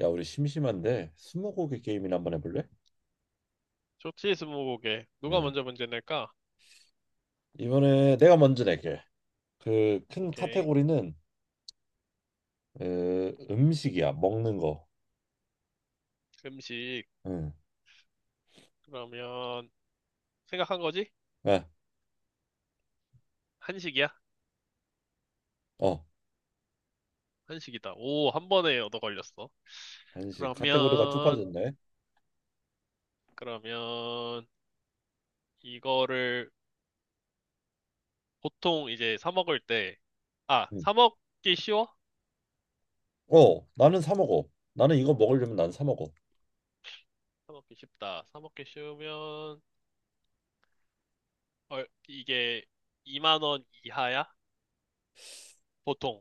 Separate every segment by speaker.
Speaker 1: 야, 우리 심심한데 스무고개 게임이나 한번 해볼래?
Speaker 2: 좋지, 스무고개. 누가
Speaker 1: 응.
Speaker 2: 먼저 문제 낼까?
Speaker 1: 이번에 내가 먼저 낼게. 그 큰
Speaker 2: 오케이.
Speaker 1: 카테고리는 그 음식이야, 먹는 거.
Speaker 2: 음식.
Speaker 1: 응.
Speaker 2: 그러면, 생각한 거지?
Speaker 1: 네.
Speaker 2: 한식이야?
Speaker 1: 어,
Speaker 2: 한식이다. 오, 한 번에 얻어 걸렸어.
Speaker 1: 한식 카테고리가
Speaker 2: 그러면,
Speaker 1: 좁아졌네.
Speaker 2: 그러면, 이거를 보통 이제 사 먹을 때, 아,
Speaker 1: 응.
Speaker 2: 사 먹기 쉬워?
Speaker 1: 어, 나는 사 먹어. 나는 이거 먹으려면 난 사 먹어.
Speaker 2: 사 먹기 쉽다. 사 먹기 쉬우면, 이게 2만 원 이하야? 보통.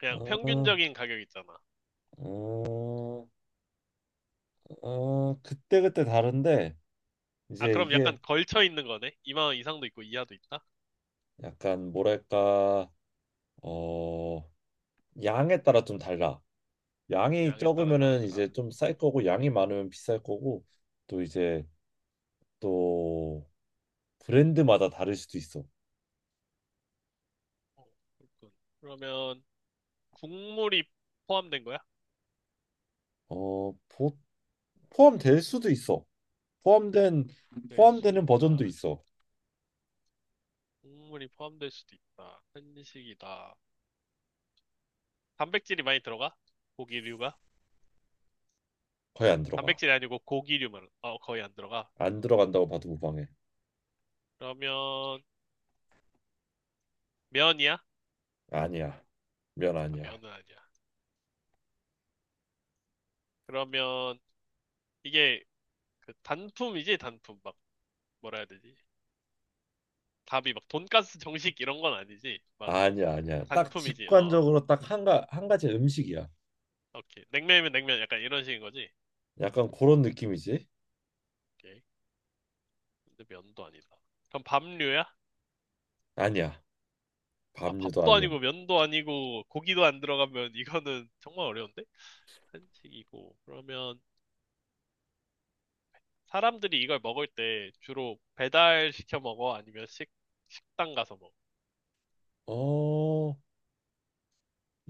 Speaker 2: 그냥
Speaker 1: 어,
Speaker 2: 평균적인 가격 있잖아.
Speaker 1: 어, 그때 그때 다른데
Speaker 2: 아,
Speaker 1: 이제
Speaker 2: 그럼 약간
Speaker 1: 이게
Speaker 2: 걸쳐 있는 거네? 2만 원 이상도 있고 이하도 있다?
Speaker 1: 약간 뭐랄까, 어, 양에 따라 좀 달라. 양이
Speaker 2: 양에 따라
Speaker 1: 적으면은
Speaker 2: 다르더라.
Speaker 1: 이제 좀 쌀 거고 양이 많으면 비쌀 거고 또 이제 또 브랜드마다 다를 수도 있어.
Speaker 2: 어, 그렇군. 그러면 국물이 포함된 거야?
Speaker 1: 어, 보, 포함될 수도 있어. 포함된
Speaker 2: 될 수도
Speaker 1: 포함되는 버전도
Speaker 2: 있다.
Speaker 1: 있어.
Speaker 2: 국물이 포함될 수도 있다. 한식이다. 단백질이 많이 들어가? 고기류가?
Speaker 1: 거의 안 들어가.
Speaker 2: 단백질이 아니고 고기류만 어, 거의 안 들어가.
Speaker 1: 안 들어간다고 봐도 무방해.
Speaker 2: 그러면 면이야?
Speaker 1: 아니야. 면
Speaker 2: 아,
Speaker 1: 아니야.
Speaker 2: 면은 아니야. 그러면 이게 그 단품이지 단품 막 뭐라 해야 되지? 답이 막 돈가스 정식 이런 건 아니지. 막
Speaker 1: 아니야, 아니야. 딱
Speaker 2: 단품이지. 어,
Speaker 1: 직관적으로 딱 한 가지 음식이야.
Speaker 2: 오케이. 냉면이면 냉면 약간 이런 식인 거지.
Speaker 1: 약간 그런 느낌이지?
Speaker 2: 오케이. 근데 면도 아니다. 그럼 밥류야?
Speaker 1: 아니야.
Speaker 2: 아,
Speaker 1: 밥류도
Speaker 2: 밥도
Speaker 1: 아니야.
Speaker 2: 아니고 면도 아니고 고기도 안 들어가면 이거는 정말 어려운데? 한식이고. 그러면 사람들이 이걸 먹을 때 주로 배달 시켜 먹어? 아니면 식당 가서 먹어?
Speaker 1: 어,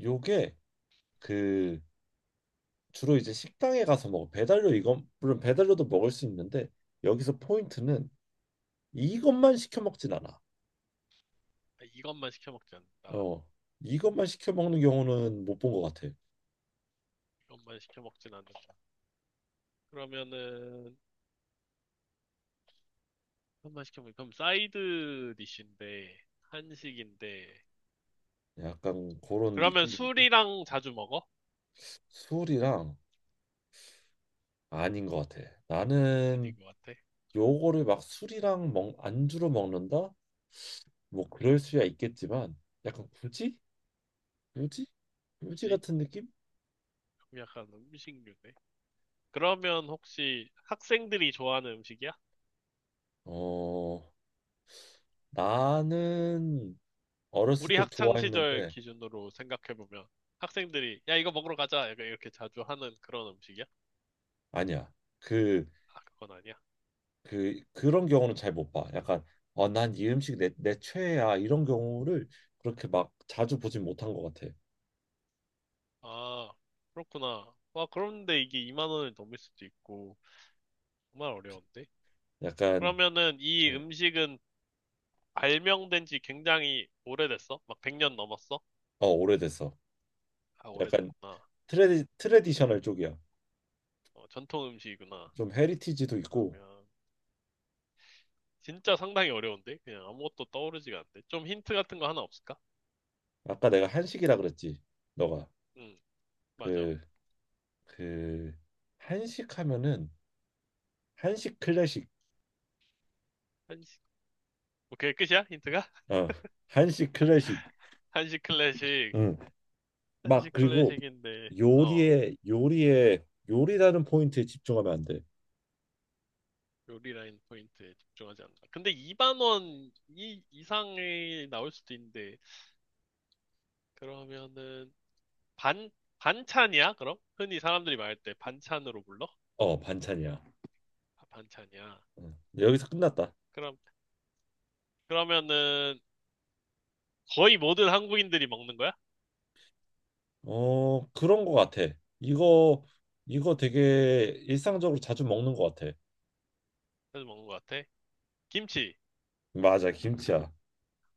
Speaker 1: 요게 그 주로 이제 식당에 가서 먹어. 배달료 이건 물론 배달료도 먹을 수 있는데 여기서 포인트는 이것만 시켜 먹진 않아.
Speaker 2: 아, 이것만 시켜 먹지 않는다.
Speaker 1: 어, 이것만 시켜 먹는 경우는 못 본 것 같아.
Speaker 2: 이것만 시켜 먹진 않는다. 그러면은, 그럼 사이드 디쉬인데, 한식인데,
Speaker 1: 약간 그런
Speaker 2: 그러면
Speaker 1: 느낌이지.
Speaker 2: 술이랑 자주 먹어?
Speaker 1: 술이랑 아닌 것 같아.
Speaker 2: 아닌
Speaker 1: 나는
Speaker 2: 것 같아.
Speaker 1: 요거를 막 술이랑 안주로 먹는다? 뭐 그럴 수야 있겠지만 약간 굳이? 굳이? 굳이
Speaker 2: 그치?
Speaker 1: 같은 느낌?
Speaker 2: 그럼 약간 음식류네. 그러면 혹시 학생들이 좋아하는 음식이야?
Speaker 1: 어, 나는 어렸을
Speaker 2: 우리
Speaker 1: 때
Speaker 2: 학창 시절
Speaker 1: 좋아했는데
Speaker 2: 기준으로 생각해 보면 학생들이 야 이거 먹으러 가자 약간 이렇게 자주 하는 그런 음식이야?
Speaker 1: 아니야. 그
Speaker 2: 아, 그건 아니야.
Speaker 1: 그런 경우는 잘 못 봐. 약간 아, 난 이 음식 내 최애야 이런 경우를 그렇게 막 자주 보진 못한 것 같아.
Speaker 2: 아, 그렇구나. 와, 그런데 이게 2만 원을 넘을 수도 있고 정말 어려운데?
Speaker 1: 약간
Speaker 2: 그러면은 이
Speaker 1: 네.
Speaker 2: 음식은 발명된 지 굉장히 오래됐어? 막 100년 넘었어?
Speaker 1: 어, 오래됐어.
Speaker 2: 아,
Speaker 1: 약간
Speaker 2: 오래됐구나.
Speaker 1: 트레디셔널 쪽이야.
Speaker 2: 어, 전통 음식이구나.
Speaker 1: 좀 헤리티지도 있고.
Speaker 2: 그러면 진짜 상당히 어려운데? 그냥 아무것도 떠오르지가 않네. 좀 힌트 같은 거 하나 없을까?
Speaker 1: 아까 내가 한식이라 그랬지. 너가
Speaker 2: 응. 맞아.
Speaker 1: 그 그 한식 하면은 한식 클래식.
Speaker 2: 한식. 오케이, 끝이야? 힌트가?
Speaker 1: 어, 한식 클래식.
Speaker 2: 한식 클래식.
Speaker 1: 응막
Speaker 2: 한식
Speaker 1: 그리고
Speaker 2: 클래식인데, 어,
Speaker 1: 요리에 요리에 요리라는 포인트에 집중하면 안 돼.
Speaker 2: 요리 라인 포인트에 집중하지 않는다. 근데 2만 원 이상이 나올 수도 있는데, 그러면은, 반, 반찬이야? 그럼? 흔히 사람들이 말할 때 반찬으로 불러?
Speaker 1: 어, 반찬이야.
Speaker 2: 아, 반찬이야.
Speaker 1: 여기서 끝났다.
Speaker 2: 그럼, 그러면은, 거의 모든 한국인들이 먹는 거야?
Speaker 1: 어, 그런 거 같아. 이거 이거 되게 일상적으로 자주 먹는 거 같아.
Speaker 2: 그래서 먹는 것 같아. 김치.
Speaker 1: 맞아, 김치야.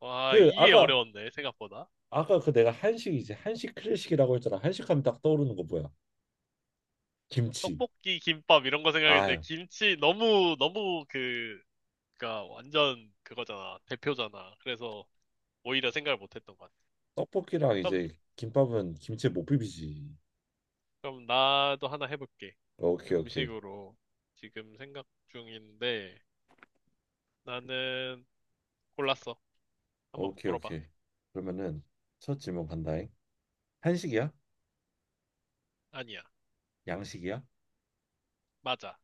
Speaker 2: 와,
Speaker 1: 그
Speaker 2: 이게
Speaker 1: 아까
Speaker 2: 어려웠네, 생각보다.
Speaker 1: 내가 한식이지. 한식 클래식이라고 했잖아. 한식하면 딱 떠오르는 거 뭐야? 김치.
Speaker 2: 떡볶이, 김밥, 이런 거 생각했는데,
Speaker 1: 아유,
Speaker 2: 김치 너무, 너무 그, 그니까 완전 그거잖아. 대표잖아. 그래서, 오히려 생각을 못했던 것 같아.
Speaker 1: 떡볶이랑
Speaker 2: 그럼,
Speaker 1: 이제 김밥은 김치에 못 비비지.
Speaker 2: 그럼 나도 하나 해볼게.
Speaker 1: 오케이, 오케이.
Speaker 2: 음식으로 지금 생각 중인데 나는 골랐어. 한번
Speaker 1: 오케이,
Speaker 2: 물어봐.
Speaker 1: 오케이. 그러면은 첫 질문 간다잉. 한식이야?
Speaker 2: 아니야.
Speaker 1: 양식이야?
Speaker 2: 맞아.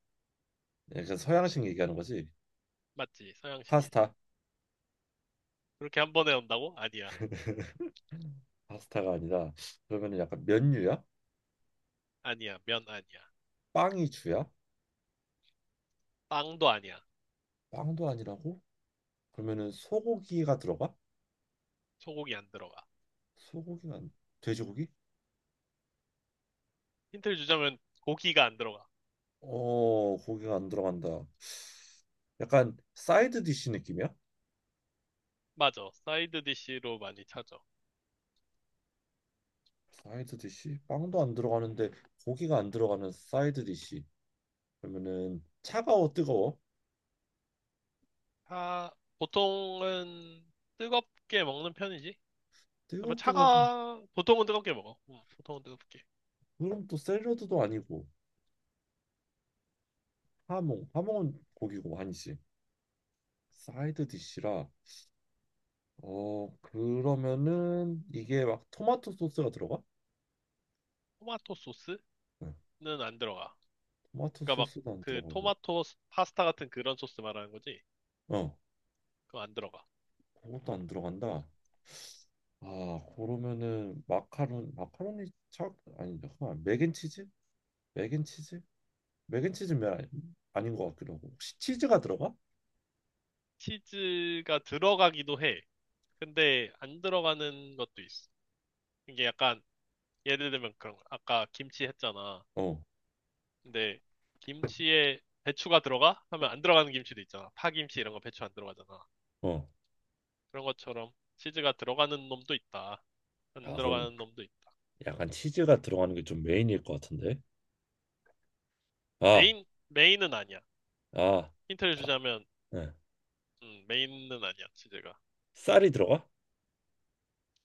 Speaker 1: 약간 서양식 얘기하는 거지?
Speaker 2: 맞지. 서양식이지.
Speaker 1: 파스타.
Speaker 2: 그렇게 한 번에 온다고? 아니야.
Speaker 1: 파스타가 아니라 그러면은 약간 면류야?
Speaker 2: 아니야. 면 아니야.
Speaker 1: 빵이 주야?
Speaker 2: 빵도 아니야.
Speaker 1: 빵도 아니라고? 그러면은 소고기가 들어가?
Speaker 2: 소고기 안 들어가.
Speaker 1: 소고기가 안- 돼지고기?
Speaker 2: 힌트를 주자면 고기가 안 들어가.
Speaker 1: 어, 고기가 안 들어간다. 약간 사이드 디시 느낌이야?
Speaker 2: 맞아. 사이드 디쉬로 많이 찾아.
Speaker 1: 사이드 디시? 빵도 안 들어가는데 고기가 안 들어가는 사이드 디시. 그러면은 차가워 뜨거워?
Speaker 2: 차... 보통은 뜨겁게 먹는 편이지. 뭐
Speaker 1: 뜨겁게 먹으면
Speaker 2: 차가 보통은 뜨겁게 먹어. 응, 보통은 뜨겁게.
Speaker 1: 그럼 또 샐러드도 아니고 하몽은 고기고 아니지. 사이드 디시라. 어 그러면은 이게 막 토마토 소스가 들어가?
Speaker 2: 토마토 소스?
Speaker 1: 응.
Speaker 2: 안 들어가.
Speaker 1: 토마토
Speaker 2: 그러니까 막
Speaker 1: 소스도 안 들어가고
Speaker 2: 파스타 같은 그런 소스 말하는 거지?
Speaker 1: 어,
Speaker 2: 그거 안 들어가.
Speaker 1: 그것도 안 들어간다. 아, 그러면은 마카론, 마카로니 착 아니 잠깐만 맥앤치즈? 맥앤치즈? 맥앤치즈 면 아니- 아닌 것 같기도 하고 혹시 치즈가 들어가?
Speaker 2: 치즈가 들어가기도 해. 근데 안 들어가는 것도 있어. 이게 약간 예를 들면 그런 거. 아까 김치 했잖아.
Speaker 1: 어,
Speaker 2: 근데 김치에 배추가 들어가? 하면 안 들어가는 김치도 있잖아. 파김치 이런 거 배추 안 들어가잖아.
Speaker 1: 어.
Speaker 2: 그런 것처럼 치즈가 들어가는 놈도 있다. 안
Speaker 1: 아, 그럼
Speaker 2: 들어가는 놈도 있다.
Speaker 1: 약간 치즈가 들어가는 게 좀 메인일 것 같은데. 아,
Speaker 2: 메인, 메인은 아니야.
Speaker 1: 아,
Speaker 2: 힌트를
Speaker 1: 바-
Speaker 2: 주자면,
Speaker 1: 네.
Speaker 2: 메인은 아니야, 치즈가.
Speaker 1: 쌀이 들어가?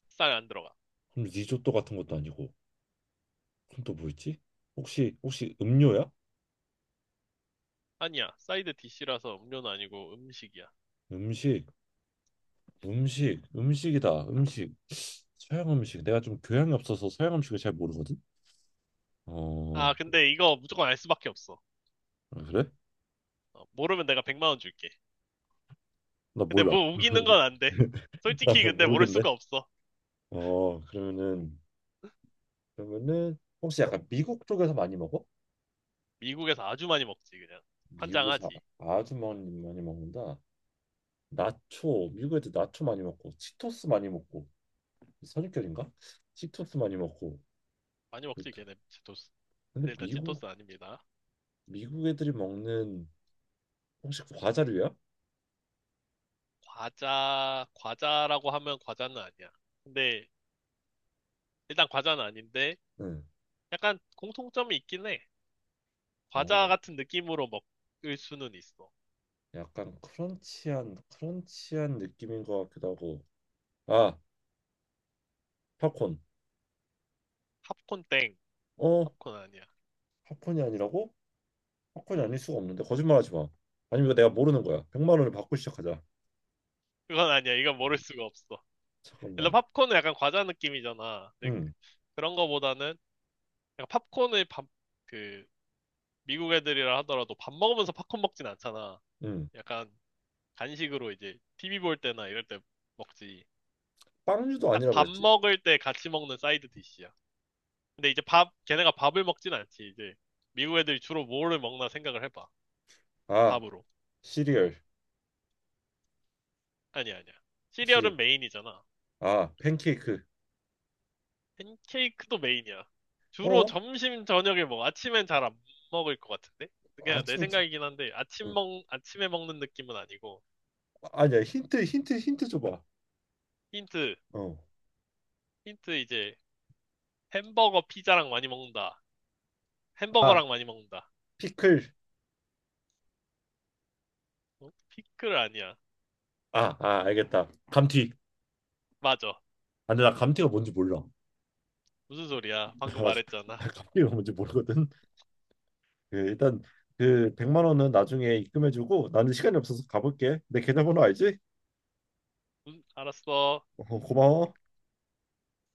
Speaker 2: 싹 안 들어가.
Speaker 1: 그럼 리조또 같은 것도 아니고 그럼 또 뭐 있지? 혹시 혹시 음료야?
Speaker 2: 아니야. 사이드 디시라서 음료는 아니고 음식이야.
Speaker 1: 음식, 음식이다. 음식. 서양 음식. 내가 좀 교양이 없어서 서양 음식을 잘 모르거든. 어,
Speaker 2: 아, 근데 이거 무조건 알 수밖에 없어.
Speaker 1: 아, 그래?
Speaker 2: 어, 모르면 내가 100만 원 줄게.
Speaker 1: 나
Speaker 2: 근데
Speaker 1: 몰라.
Speaker 2: 뭐 우기는 건 안 돼.
Speaker 1: 나
Speaker 2: 솔직히 근데 모를
Speaker 1: 모르겠네.
Speaker 2: 수가 없어.
Speaker 1: 어, 그러면은 혹시 약간 미국 쪽에서 많이 먹어?
Speaker 2: 미국에서 아주 많이 먹지, 그냥.
Speaker 1: 미국에서
Speaker 2: 환장하지.
Speaker 1: 아- 아주 많이 먹는다. 나초 미국 애들 나초 많이 먹고 치토스 많이 먹고 선입견인가? 치토스 많이 먹고
Speaker 2: 많이 먹지,
Speaker 1: 그렇다.
Speaker 2: 걔네 치토스. 근데
Speaker 1: 근데
Speaker 2: 일단
Speaker 1: 미국
Speaker 2: 치토스 아닙니다.
Speaker 1: 미국 애들이 먹는 혹시 과자류야?
Speaker 2: 과자라고 하면 과자는 아니야. 근데 일단 과자는 아닌데
Speaker 1: 응.
Speaker 2: 약간 공통점이 있긴 해. 과자
Speaker 1: 어,
Speaker 2: 같은 느낌으로 먹을 수는 있어.
Speaker 1: 약간 크런치한 느낌인 것 같기도 하고. 아, 팝콘.
Speaker 2: 팝콘 땡.
Speaker 1: 어,
Speaker 2: 팝콘 아니야.
Speaker 1: 팝콘이 아니라고? 사건이
Speaker 2: 음.
Speaker 1: 아닐 수가 없는데 거짓말하지 마. 아니면 이거 내가 모르는 거야. 100만 원을 받고 시작하자.
Speaker 2: 그건 아니야. 이건 모를 수가 없어. 일단
Speaker 1: 잠깐만.
Speaker 2: 팝콘은 약간 과자 느낌이잖아. 근데
Speaker 1: 응,
Speaker 2: 그런 거보다는 약간 팝콘을 밥, 그 미국 애들이라 하더라도 밥 먹으면서 팝콘 먹진 않잖아.
Speaker 1: 응.
Speaker 2: 약간 간식으로 이제 TV 볼 때나 이럴 때 먹지.
Speaker 1: 빵류도
Speaker 2: 딱
Speaker 1: 아니라
Speaker 2: 밥
Speaker 1: 그랬지.
Speaker 2: 먹을 때 같이 먹는 사이드 디시야. 근데 이제 밥, 걔네가 밥을 먹진 않지. 이제 미국 애들이 주로 뭐를 먹나 생각을 해봐.
Speaker 1: 아,
Speaker 2: 밥으로.
Speaker 1: 시리얼.
Speaker 2: 아니야, 아니야.
Speaker 1: 시리얼.
Speaker 2: 시리얼은 메인이잖아.
Speaker 1: 아, 팬케이크.
Speaker 2: 팬케이크도 메인이야. 주로
Speaker 1: 어?
Speaker 2: 점심, 저녁에 먹어. 아침엔 잘 안 먹을 것 같은데? 그냥 내
Speaker 1: 아침에 자.
Speaker 2: 생각이긴 한데,
Speaker 1: 응.
Speaker 2: 아침에 먹는 느낌은 아니고.
Speaker 1: 아니야. 힌트 줘봐.
Speaker 2: 힌트,
Speaker 1: 어.
Speaker 2: 힌트 이제 햄버거, 피자랑 많이 먹는다.
Speaker 1: 아,
Speaker 2: 햄버거랑 많이 먹는다.
Speaker 1: 피클.
Speaker 2: 어? 피클 아니야.
Speaker 1: 아, 아, 알겠다. 감튀.
Speaker 2: 맞아.
Speaker 1: 아, 근데 나 감튀가 뭔지 몰라.
Speaker 2: 무슨 소리야? 방금 말했잖아.
Speaker 1: 나 감튀가 뭔지 모르거든. 그, 일단 그 100만 원은 나중에 입금해주고 나는 시간이 없어서 가볼게. 내 계좌번호 알지?
Speaker 2: 알았어.
Speaker 1: 어, 고마워.